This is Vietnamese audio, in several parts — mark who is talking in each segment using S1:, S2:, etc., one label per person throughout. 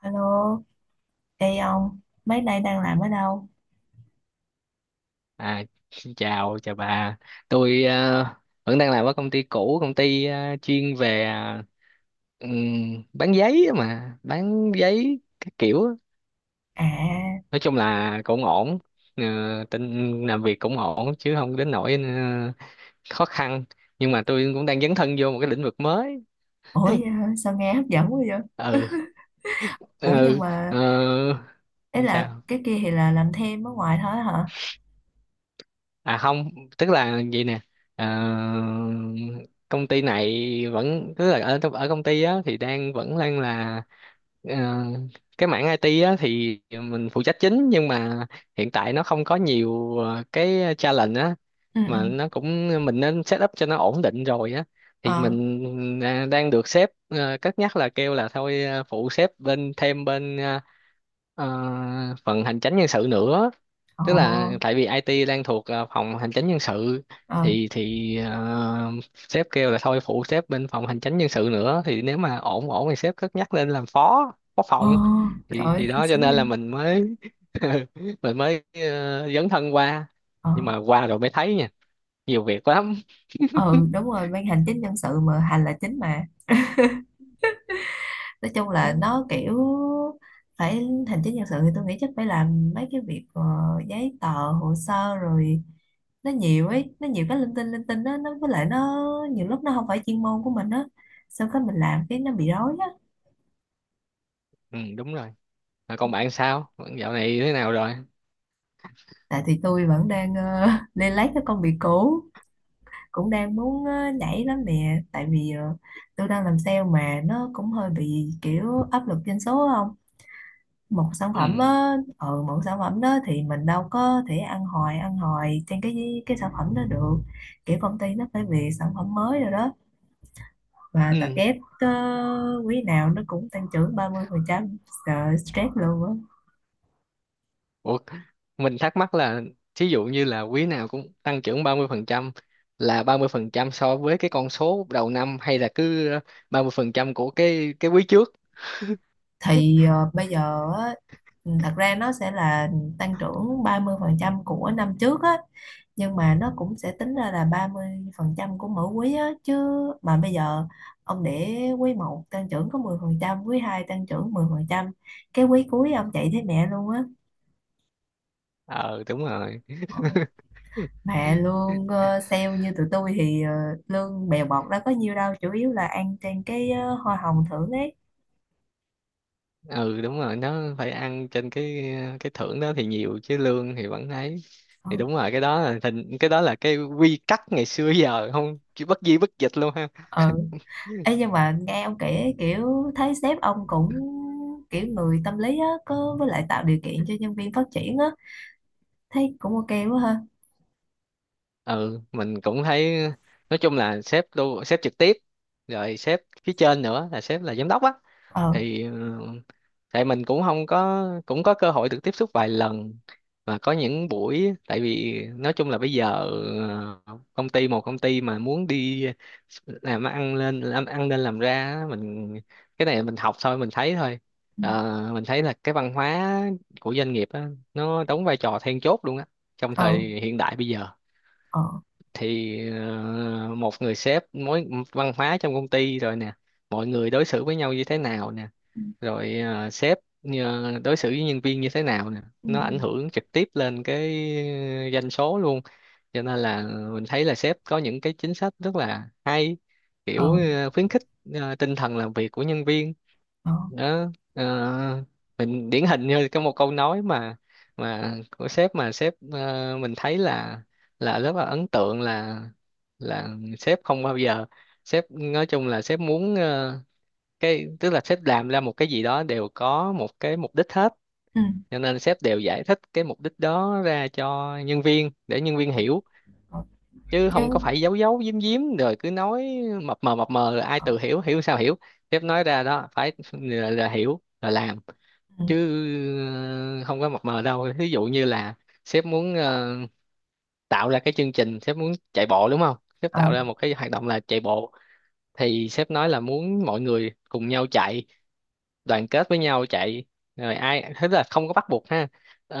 S1: Alo, ê ông, mấy nay đang làm ở đâu?
S2: À, xin chào chào bà. Tôi vẫn đang làm ở công ty cũ, công ty chuyên về bán giấy á, mà bán giấy các kiểu á.
S1: À,
S2: Nói chung là cũng ổn. Ờ, tin làm việc cũng ổn chứ không đến nỗi khó khăn, nhưng mà tôi cũng đang dấn thân vô một cái lĩnh vực mới.
S1: ủa vậy hả? Sao nghe hấp dẫn quá vậy?
S2: Ừ.
S1: Ủa nhưng
S2: Ừ.
S1: mà,
S2: ờ,
S1: ấy là
S2: Sao?
S1: cái kia thì là làm thêm ở ngoài thôi hả?
S2: À không, tức là vậy nè. ờ, Công ty này vẫn, tức là ở ở công ty á thì đang vẫn đang là ờ, cái mảng IT á thì mình phụ trách chính, nhưng mà hiện tại nó không có nhiều cái challenge á,
S1: Ừ, ừ,
S2: mà nó cũng mình nên set up cho nó ổn định rồi á. Thì
S1: ờ,
S2: mình đang được sếp cất nhắc là kêu là thôi phụ sếp bên, thêm bên ờ, phần hành chánh nhân sự nữa.
S1: ồ,
S2: Tức là tại vì IT đang thuộc phòng hành chính nhân sự,
S1: ờ,
S2: thì sếp kêu là thôi phụ sếp bên phòng hành chính nhân sự nữa, thì nếu mà ổn ổn thì sếp cất nhắc lên làm phó phó
S1: ồ,
S2: phòng.
S1: trời
S2: thì
S1: ơi,
S2: thì
S1: sướng
S2: đó, cho
S1: sướng
S2: nên
S1: vậy?
S2: là mình mới mình mới dấn thân qua,
S1: Ờ,
S2: nhưng mà qua rồi mới thấy nha, nhiều việc lắm.
S1: ừ, đúng rồi, ban hành chính nhân sự mà hành là chính mà. Nói chung là nó kiểu phải hành chính nhân sự thì tôi nghĩ chắc phải làm mấy cái việc giấy tờ hồ sơ rồi nó nhiều ấy nó nhiều cái linh tinh đó nó với lại nó nhiều lúc nó không phải chuyên môn của mình á, sao cái mình làm cái nó bị rối á.
S2: Ừ, đúng rồi. Rồi còn bạn, sao bạn dạo này thế nào rồi?
S1: Tại thì tôi vẫn đang lên lấy cái công việc cũ, cũng đang muốn nhảy lắm nè tại vì tôi đang làm sale mà nó cũng hơi bị kiểu áp lực doanh số, không một sản phẩm
S2: Ừ.
S1: á, ừ, một sản phẩm đó thì mình đâu có thể ăn hoài trên cái sản phẩm đó được, kiểu công ty nó phải về sản phẩm mới rồi đó và tập
S2: Ừ.
S1: kép quý nào nó cũng tăng trưởng 30% phần trăm, sợ stress luôn á.
S2: Ủa, mình thắc mắc là thí dụ như là quý nào cũng tăng trưởng 30%, là 30% so với cái con số đầu năm, hay là cứ 30% của cái quý trước?
S1: Thì bây giờ á, ừ, thật ra nó sẽ là tăng trưởng 30% của năm trước á, nhưng mà nó cũng sẽ tính ra là 30% của mỗi quý á chứ. Mà bây giờ ông để quý một tăng trưởng có 10%, quý 2 tăng trưởng 10%, cái quý cuối ông chạy thấy mẹ luôn á.
S2: Ờ đúng rồi.
S1: Ờ, mà lương sale như tụi tôi thì lương bèo bọt đó có nhiêu đâu, chủ yếu là ăn trên cái hoa hồng thưởng ấy.
S2: Ừ đúng rồi, nó phải ăn trên cái thưởng đó thì nhiều, chứ lương thì vẫn ấy.
S1: Ừ.
S2: Thì đúng rồi, cái đó là cái quy tắc ngày xưa giờ không, chứ bất di bất dịch luôn ha.
S1: Ừ. Ê, nhưng mà nghe ông kể kiểu thấy sếp ông cũng kiểu người tâm lý á, có với lại tạo điều kiện cho nhân viên phát triển á, thấy cũng ok quá ha.
S2: Ừ mình cũng thấy. Nói chung là sếp trực tiếp rồi sếp phía trên nữa là sếp là giám đốc á,
S1: Ờ.
S2: thì ừ, tại mình cũng không có có cơ hội được tiếp xúc vài lần, và có những buổi. Tại vì nói chung là bây giờ công ty, một công ty mà muốn đi làm ăn lên, làm ra á, mình cái này mình học thôi, mình thấy thôi.
S1: Ừ.
S2: Ờ, mình thấy là cái văn hóa của doanh nghiệp á, nó đóng vai trò then chốt luôn á, trong
S1: Ờ.
S2: thời hiện đại bây giờ.
S1: Ờ.
S2: Thì một người sếp mối văn hóa trong công ty rồi nè, mọi người đối xử với nhau như thế nào nè,
S1: Ừ.
S2: rồi sếp đối xử với nhân viên như thế nào nè,
S1: Ừ.
S2: nó ảnh hưởng trực tiếp lên cái doanh số luôn. Cho nên là mình thấy là sếp có những cái chính sách rất là hay, kiểu
S1: Ờ.
S2: khuyến khích tinh thần làm việc của nhân viên.
S1: Ờ.
S2: Đó. Ờ, mình điển hình như có một câu nói mà của sếp, mà sếp mình thấy là rất là ấn tượng, là sếp không bao giờ sếp, nói chung là sếp muốn cái, tức là sếp làm ra một cái gì đó đều có một cái mục đích hết,
S1: Ừ.
S2: cho nên sếp đều giải thích cái mục đích đó ra cho nhân viên để nhân viên hiểu,
S1: Ờ,
S2: chứ
S1: chứ.
S2: không có phải giấu giấu giếm giếm rồi cứ nói mập mờ rồi ai
S1: Ờ.
S2: tự hiểu, hiểu sao hiểu. Sếp nói ra đó phải là hiểu là làm,
S1: Ừ,
S2: chứ ờ, không có mập mờ đâu. Ví dụ như là sếp muốn tạo ra cái chương trình, sếp muốn chạy bộ đúng không, sếp tạo
S1: ờ.
S2: ra một cái hoạt động là chạy bộ, thì sếp nói là muốn mọi người cùng nhau chạy, đoàn kết với nhau chạy. Rồi ai thế là không có bắt buộc ha.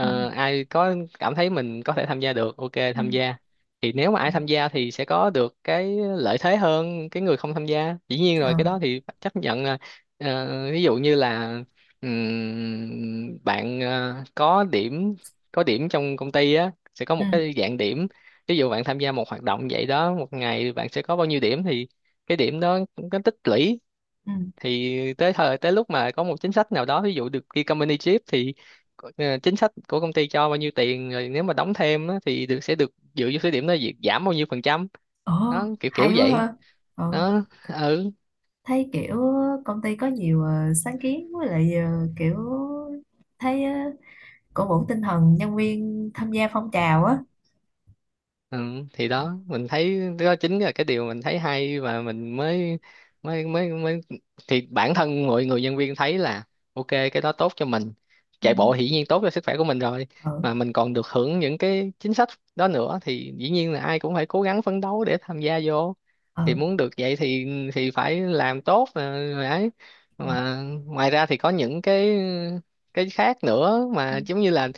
S1: ừ,
S2: ai có cảm thấy mình có thể tham gia được ok
S1: ừ.
S2: tham gia. Thì nếu mà
S1: Ừ.
S2: ai tham gia thì sẽ có được cái lợi thế hơn cái người không tham gia, dĩ nhiên rồi,
S1: Ờ.
S2: cái đó thì phải chấp nhận là, ví dụ như là bạn có điểm, có điểm trong công ty á, sẽ có
S1: Ừ.
S2: một cái dạng điểm. Ví dụ bạn tham gia một hoạt động vậy đó, một ngày bạn sẽ có bao nhiêu điểm, thì cái điểm đó cũng có tích lũy.
S1: Ừ.
S2: Thì tới thời tới lúc mà có một chính sách nào đó, ví dụ được ghi company chip thì chính sách của công ty cho bao nhiêu tiền, rồi nếu mà đóng thêm á, thì được sẽ được dựa vô số điểm đó việc giảm bao nhiêu phần trăm.
S1: Ờ,
S2: Đó, kiểu kiểu
S1: hay quá
S2: vậy
S1: ha. Ờ,
S2: đó. Ừ.
S1: thấy kiểu công ty có nhiều sáng kiến với lại ờ, kiểu thấy ờ, cổ vũ tinh thần nhân viên tham gia phong trào á.
S2: Ừ, thì
S1: Ờ.
S2: đó mình thấy đó chính là cái điều mình thấy hay, và mình mới mới thì bản thân mọi người nhân viên thấy là ok cái đó tốt cho mình,
S1: Ừ.
S2: chạy bộ hiển nhiên tốt cho sức khỏe của mình rồi,
S1: Ở.
S2: mà mình còn được hưởng những cái chính sách đó nữa, thì dĩ nhiên là ai cũng phải cố gắng phấn đấu để tham gia vô. Thì
S1: Ở.
S2: muốn được vậy thì phải làm tốt rồi mà ấy.
S1: Ờ.
S2: Mà ngoài ra thì có những cái khác nữa, mà giống như là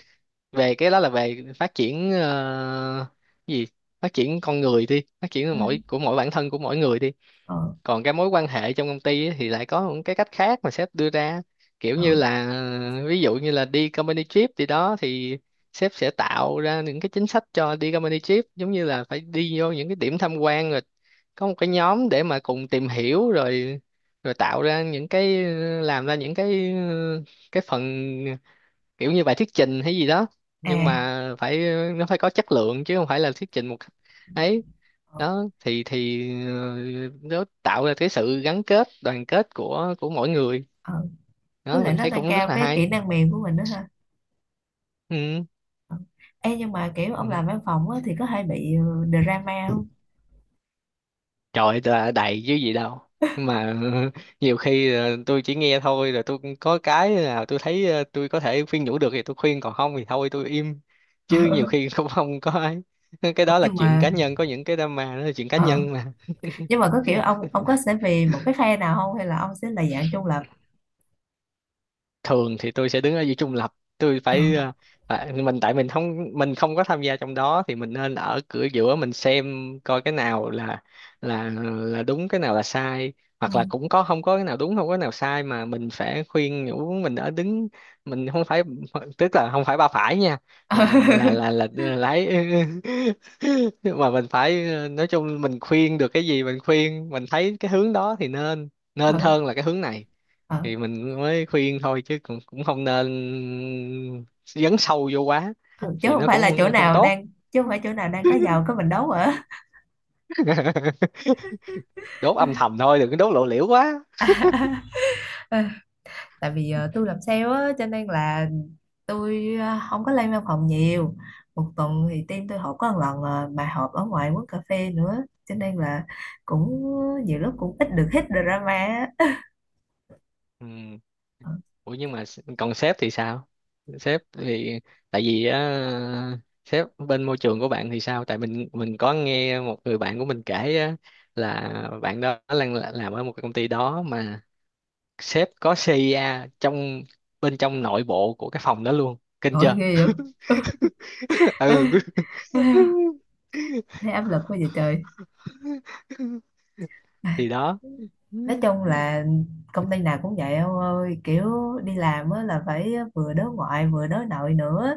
S2: về cái đó là về phát triển cái gì, phát triển con người đi, phát triển
S1: Ừ.
S2: mỗi bản thân của mỗi người đi.
S1: Ở. Ở.
S2: Còn cái mối quan hệ trong công ty ấy, thì lại có một cái cách khác mà sếp đưa ra, kiểu như là ví dụ như là đi company trip thì đó thì sếp sẽ tạo ra những cái chính sách cho đi company trip, giống như là phải đi vô những cái điểm tham quan, rồi có một cái nhóm để mà cùng tìm hiểu rồi, rồi tạo ra những cái, làm ra những cái phần, kiểu như bài thuyết trình hay gì đó. Nhưng
S1: À.
S2: mà phải, nó phải có chất lượng chứ không phải là thuyết trình một cách ấy.
S1: Ở.
S2: Đó thì nó tạo ra cái sự gắn kết đoàn kết của mỗi người.
S1: Ở, với
S2: Đó
S1: lại
S2: mình
S1: nó
S2: thấy
S1: nâng
S2: cũng rất
S1: cao
S2: là
S1: cái kỹ
S2: hay.
S1: năng mềm của mình đó ha.
S2: Ừ.
S1: Ờ. Ê, nhưng mà kiểu ông
S2: Ừ.
S1: làm văn phòng á, thì có hay bị drama không?
S2: Trời là đầy chứ gì đâu. Nhưng mà nhiều khi tôi chỉ nghe thôi, rồi tôi cũng có cái nào tôi thấy tôi có thể khuyên nhủ được thì tôi khuyên, còn không thì thôi tôi im. Chứ nhiều khi cũng không có ấy, cái
S1: Ờ,
S2: đó là
S1: nhưng
S2: chuyện
S1: mà
S2: cá nhân, có những cái drama đó là chuyện cá
S1: ờ,
S2: nhân.
S1: nhưng mà có kiểu ông có sẽ về một cái phe nào không hay là ông sẽ là dạng trung lập?
S2: Thường thì tôi sẽ đứng ở giữa trung lập, tôi
S1: Ờ.
S2: phải mình tại mình không, mình không có tham gia trong đó thì mình nên ở cửa giữa, mình xem coi cái nào là đúng, cái nào là sai,
S1: Ừ.
S2: hoặc là cũng có không có cái nào đúng không có cái nào sai, mà mình phải khuyên nhủ. Mình ở đứng Mình không phải, tức là không phải ba phải nha, là là là là, là lái. Mà mình phải nói chung mình khuyên được cái gì mình khuyên, mình thấy cái hướng đó thì nên, nên
S1: Ờ.
S2: hơn là cái hướng này,
S1: Ờ.
S2: thì mình mới khuyên thôi. Chứ cũng cũng không nên dấn sâu vô quá
S1: Ờ. Ừ, chứ
S2: thì
S1: không
S2: nó
S1: phải là chỗ
S2: cũng không
S1: nào
S2: tốt.
S1: đang, chứ không phải chỗ nào đang có giàu có mình đấu hả?
S2: Đốt âm thầm thôi, đừng có đốt lộ liễu quá.
S1: Ờ, tại vì tôi làm sale á, cho nên là tôi à, không có lên văn phòng nhiều, một tuần thì team tôi họp có một lần à, mà họp ở ngoài quán cà phê nữa, cho nên là cũng nhiều lúc cũng ít được hít drama á.
S2: Ừ. Ủa nhưng mà còn sếp thì sao? Sếp thì, tại vì á, sếp bên môi trường của bạn thì sao? Tại mình có nghe một người bạn của mình kể á, là bạn đó đang làm ở một cái công ty đó, mà sếp có CIA trong, bên trong nội bộ của cái phòng đó luôn, kinh
S1: Ôi
S2: chưa?
S1: ghê vậy.
S2: Ừ
S1: Thấy áp lực quá vậy trời.
S2: thì
S1: Ai,
S2: đó.
S1: nói chung là công ty nào cũng vậy ông ơi, kiểu đi làm á là phải vừa đối ngoại vừa đối nội nữa,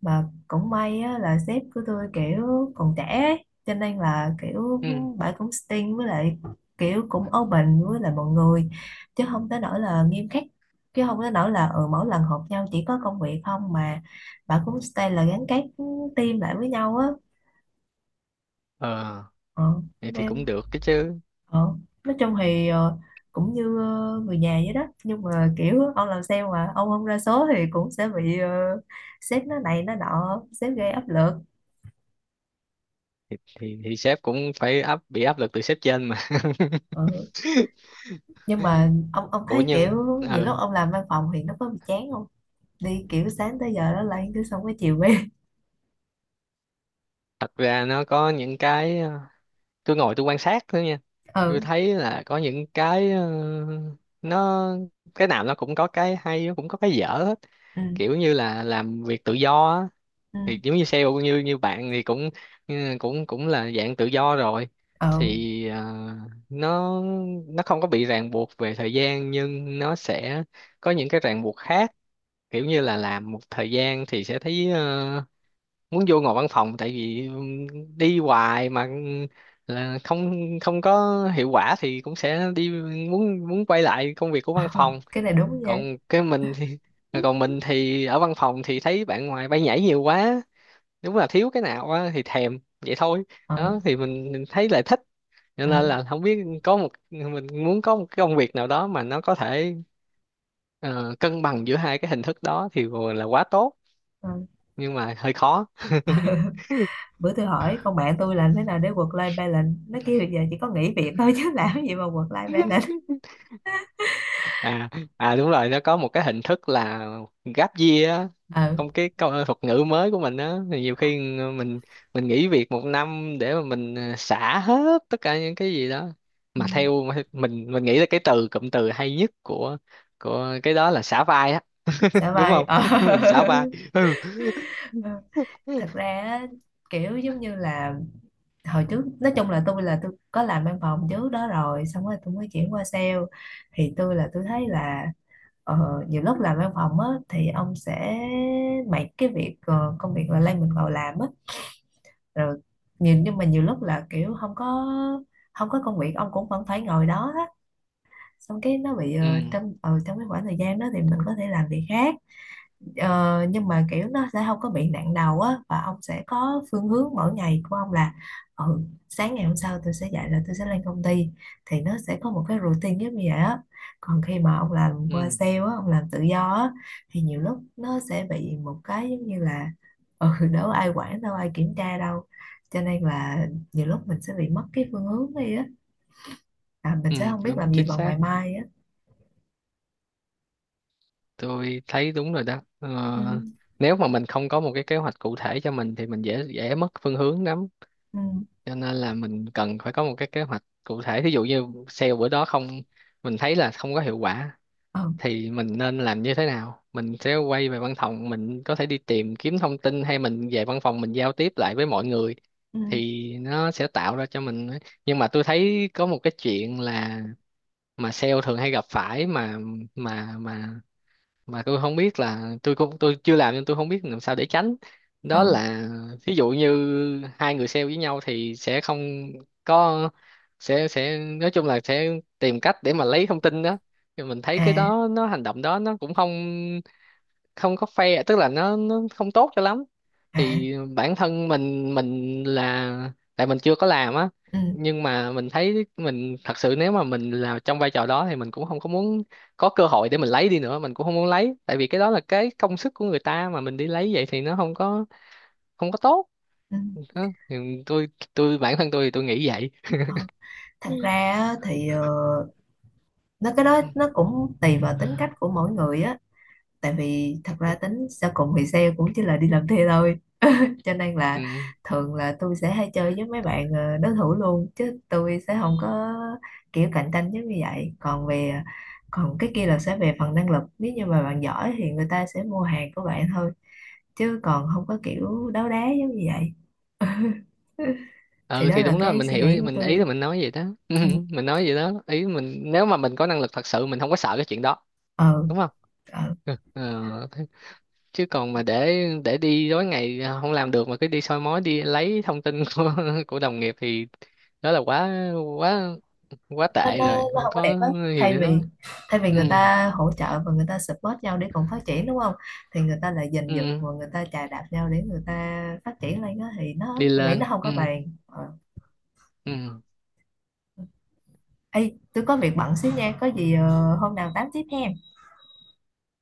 S1: mà cũng may á, là sếp của tôi kiểu còn trẻ ấy. Cho nên là kiểu
S2: Ừ.
S1: bà cũng sting với lại kiểu cũng open với lại mọi người, chứ không tới nỗi là nghiêm khắc, chứ không tới nỗi là ừ, mỗi lần họp nhau chỉ có công việc không, mà bà cũng stay là gắn kết team lại với nhau á.
S2: Ờ
S1: Ờ,
S2: vậy thì cũng
S1: nên
S2: được cái chứ.
S1: ờ. Nói chung thì cũng như ờ, người nhà vậy đó, nhưng mà kiểu ông làm sale mà ông không ra số thì cũng sẽ bị sếp nó này nó nọ, sếp gây áp lực.
S2: Thì sếp cũng phải bị áp lực từ sếp trên mà.
S1: Ừ. Nhưng mà ông
S2: Ủa
S1: thấy kiểu
S2: nhưng ừ,
S1: nhiều lúc ông làm văn phòng thì nó có bị chán không? Đi kiểu sáng tới giờ đó lại cứ xong cái chiều về.
S2: thật ra nó có những cái tôi ngồi tôi quan sát thôi nha. Tôi
S1: Ừ.
S2: thấy là có những cái nó, cái nào nó cũng có cái hay, nó cũng có cái dở hết.
S1: Ừ.
S2: Kiểu như là làm việc tự do á,
S1: Ừ.
S2: thì giống như sale như như bạn thì cũng ừ, cũng cũng là dạng tự do rồi.
S1: Ừ.
S2: Thì nó không có bị ràng buộc về thời gian, nhưng nó sẽ có những cái ràng buộc khác. Kiểu như là làm một thời gian thì sẽ thấy muốn vô ngồi văn phòng, tại vì đi hoài mà là không không có hiệu quả, thì cũng sẽ đi muốn muốn quay lại công việc của văn phòng.
S1: Cái này đúng nha.
S2: còn cái mình thì
S1: Ừ.
S2: Còn mình thì ở văn phòng thì thấy bạn ngoài bay nhảy nhiều quá, đúng là thiếu cái nào á thì thèm vậy thôi. Đó thì mình thấy là thích, cho
S1: Ừ.
S2: nên là không biết một mình muốn có một cái công việc nào đó mà nó có thể ờ, cân bằng giữa hai cái hình thức đó thì vừa là quá tốt,
S1: Ừ.
S2: nhưng mà hơi khó.
S1: Bữa tôi hỏi con bạn tôi làm thế nào để work life balance, nó kêu bây giờ chỉ có nghỉ việc thôi chứ làm cái gì mà work life balance.
S2: À. À đúng rồi, nó có một cái hình thức là gáp year á.
S1: Ừ.
S2: Không, cái thuật ngữ mới của mình á, thì nhiều khi mình mình nghỉ việc một năm để mà mình xả hết tất cả những cái gì đó.
S1: Ừ.
S2: Mà theo mình nghĩ là cái cụm từ hay nhất của cái đó là xả vai á.
S1: Xả
S2: Đúng
S1: vai
S2: không?
S1: ờ.
S2: Mình xả vai. Ừ.
S1: Ừ. Thật ra á, kiểu giống như là hồi trước nói chung là tôi có làm văn phòng trước đó rồi, xong rồi tôi mới chuyển qua sale, thì tôi thấy là nhiều lúc làm văn phòng á thì ông sẽ mấy cái việc công việc là lay mình vào làm á, rồi nhìn nhưng mà nhiều lúc là kiểu không có, không có công việc ông cũng vẫn phải ngồi đó á, xong cái nó bị
S2: Ừ.
S1: trong ờ, trong cái khoảng thời gian đó thì mình có thể làm việc khác. Ờ, nhưng mà kiểu nó sẽ không có bị nặng đầu á, và ông sẽ có phương hướng mỗi ngày của ông là ừ, sáng ngày hôm sau tôi sẽ dậy là tôi sẽ lên công ty, thì nó sẽ có một cái routine giống như vậy á. Còn khi mà ông làm qua
S2: Ừ.
S1: sale á, ông làm tự do á, thì nhiều lúc nó sẽ bị một cái giống như là ừ, đâu ai quản đâu ai kiểm tra đâu, cho nên là nhiều lúc mình sẽ bị mất cái phương hướng đi á, à, mình
S2: Ừ,
S1: sẽ không biết làm
S2: đúng
S1: gì
S2: chính
S1: vào
S2: xác,
S1: ngày mai á.
S2: tôi thấy đúng rồi đó.
S1: Ừ.
S2: Ờ, Nếu mà mình không có một cái kế hoạch cụ thể cho mình thì mình dễ dễ mất phương hướng lắm.
S1: Ừ.
S2: Cho nên là mình cần phải có một cái kế hoạch cụ thể. Ví dụ như sale bữa đó không, mình thấy là không có hiệu quả,
S1: Ừ.
S2: thì mình nên làm như thế nào? Mình sẽ quay về văn phòng, mình có thể đi tìm kiếm thông tin, hay mình về văn phòng mình giao tiếp lại với mọi người,
S1: Ừ.
S2: thì nó sẽ tạo ra cho mình. Nhưng mà tôi thấy có một cái chuyện là mà sale thường hay gặp phải, mà mà mà tôi không biết là, tôi cũng tôi chưa làm nên tôi không biết làm sao để tránh. Đó
S1: Ừ.
S2: là ví dụ như hai người sale với nhau thì sẽ không có sẽ nói chung là sẽ tìm cách để mà lấy thông tin đó. Thì mình thấy cái
S1: À.
S2: đó hành động đó nó cũng không, không có fair, tức là nó không tốt cho lắm.
S1: À.
S2: Thì bản thân mình là tại mình chưa có làm á,
S1: Ừ.
S2: nhưng mà mình thấy mình thật sự nếu mà mình là trong vai trò đó thì mình cũng không có muốn có cơ hội để mình lấy đi nữa, mình cũng không muốn lấy, tại vì cái đó là cái công sức của người ta, mà mình đi lấy vậy thì nó không có, không có tốt.
S1: Ừ.
S2: Đó. Thì tôi tôi bản thân tôi thì tôi nghĩ vậy.
S1: Ờ, thật ra á, thì ờ, nó cái đó
S2: Ừ.
S1: nó cũng tùy vào tính cách của mỗi người á, tại vì thật ra tính sau cùng thì sale cũng chỉ là đi làm thuê thôi, cho nên là
S2: Ừ.
S1: thường là tôi sẽ hay chơi với mấy bạn đối thủ luôn, chứ tôi sẽ không có kiểu cạnh tranh giống như vậy. Còn về ờ, còn cái kia là sẽ về phần năng lực, nếu như mà bạn giỏi thì người ta sẽ mua hàng của bạn thôi, chứ còn không có kiểu đấu đá giống như vậy. Thì
S2: Ừ
S1: đó
S2: thì
S1: là
S2: đúng đó,
S1: cái
S2: mình
S1: suy
S2: hiểu
S1: nghĩ của
S2: mình, ý là
S1: tôi.
S2: mình nói vậy đó.
S1: Ừ.
S2: Mình nói vậy đó, ý mình nếu mà mình có năng lực thật sự mình không có sợ cái chuyện đó,
S1: Ờ.
S2: đúng không?
S1: Ờ.
S2: Ờ, thế- chứ còn mà để đi tối ngày không làm được mà cứ đi soi mói đi lấy thông tin của đồng nghiệp, thì đó là quá quá quá
S1: Nó,
S2: tệ rồi,
S1: nó
S2: không
S1: không có đẹp
S2: có
S1: á,
S2: gì
S1: thay
S2: để nói.
S1: vì, thay vì
S2: Ừ.
S1: người ta hỗ trợ và người ta support nhau để cùng phát triển đúng không, thì người ta lại giành giật
S2: Ừ
S1: và người ta chà đạp nhau để người ta phát triển lên, đó thì nó
S2: đi
S1: tôi nghĩ nó
S2: lên.
S1: không
S2: Ừ.
S1: có bền ờ.
S2: Ừ.
S1: Ê, tôi có việc bận xíu nha, có gì ờ, hôm nào tám tiếp em.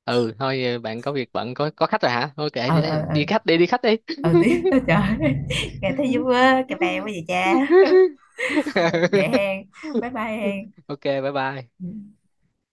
S2: Ừ thôi, ờ, bạn có việc bận, có khách rồi hả, thôi kệ
S1: Ờ
S2: đi lấy
S1: ờ ờ,
S2: đi khách đi, đi khách đi.
S1: ờ tiếp. Trời ơi, nghe thấy vui quá, cà bè quá vậy cha. Ờ, vậy hen, bye bye hen.
S2: Ok bye bye.
S1: Ừ.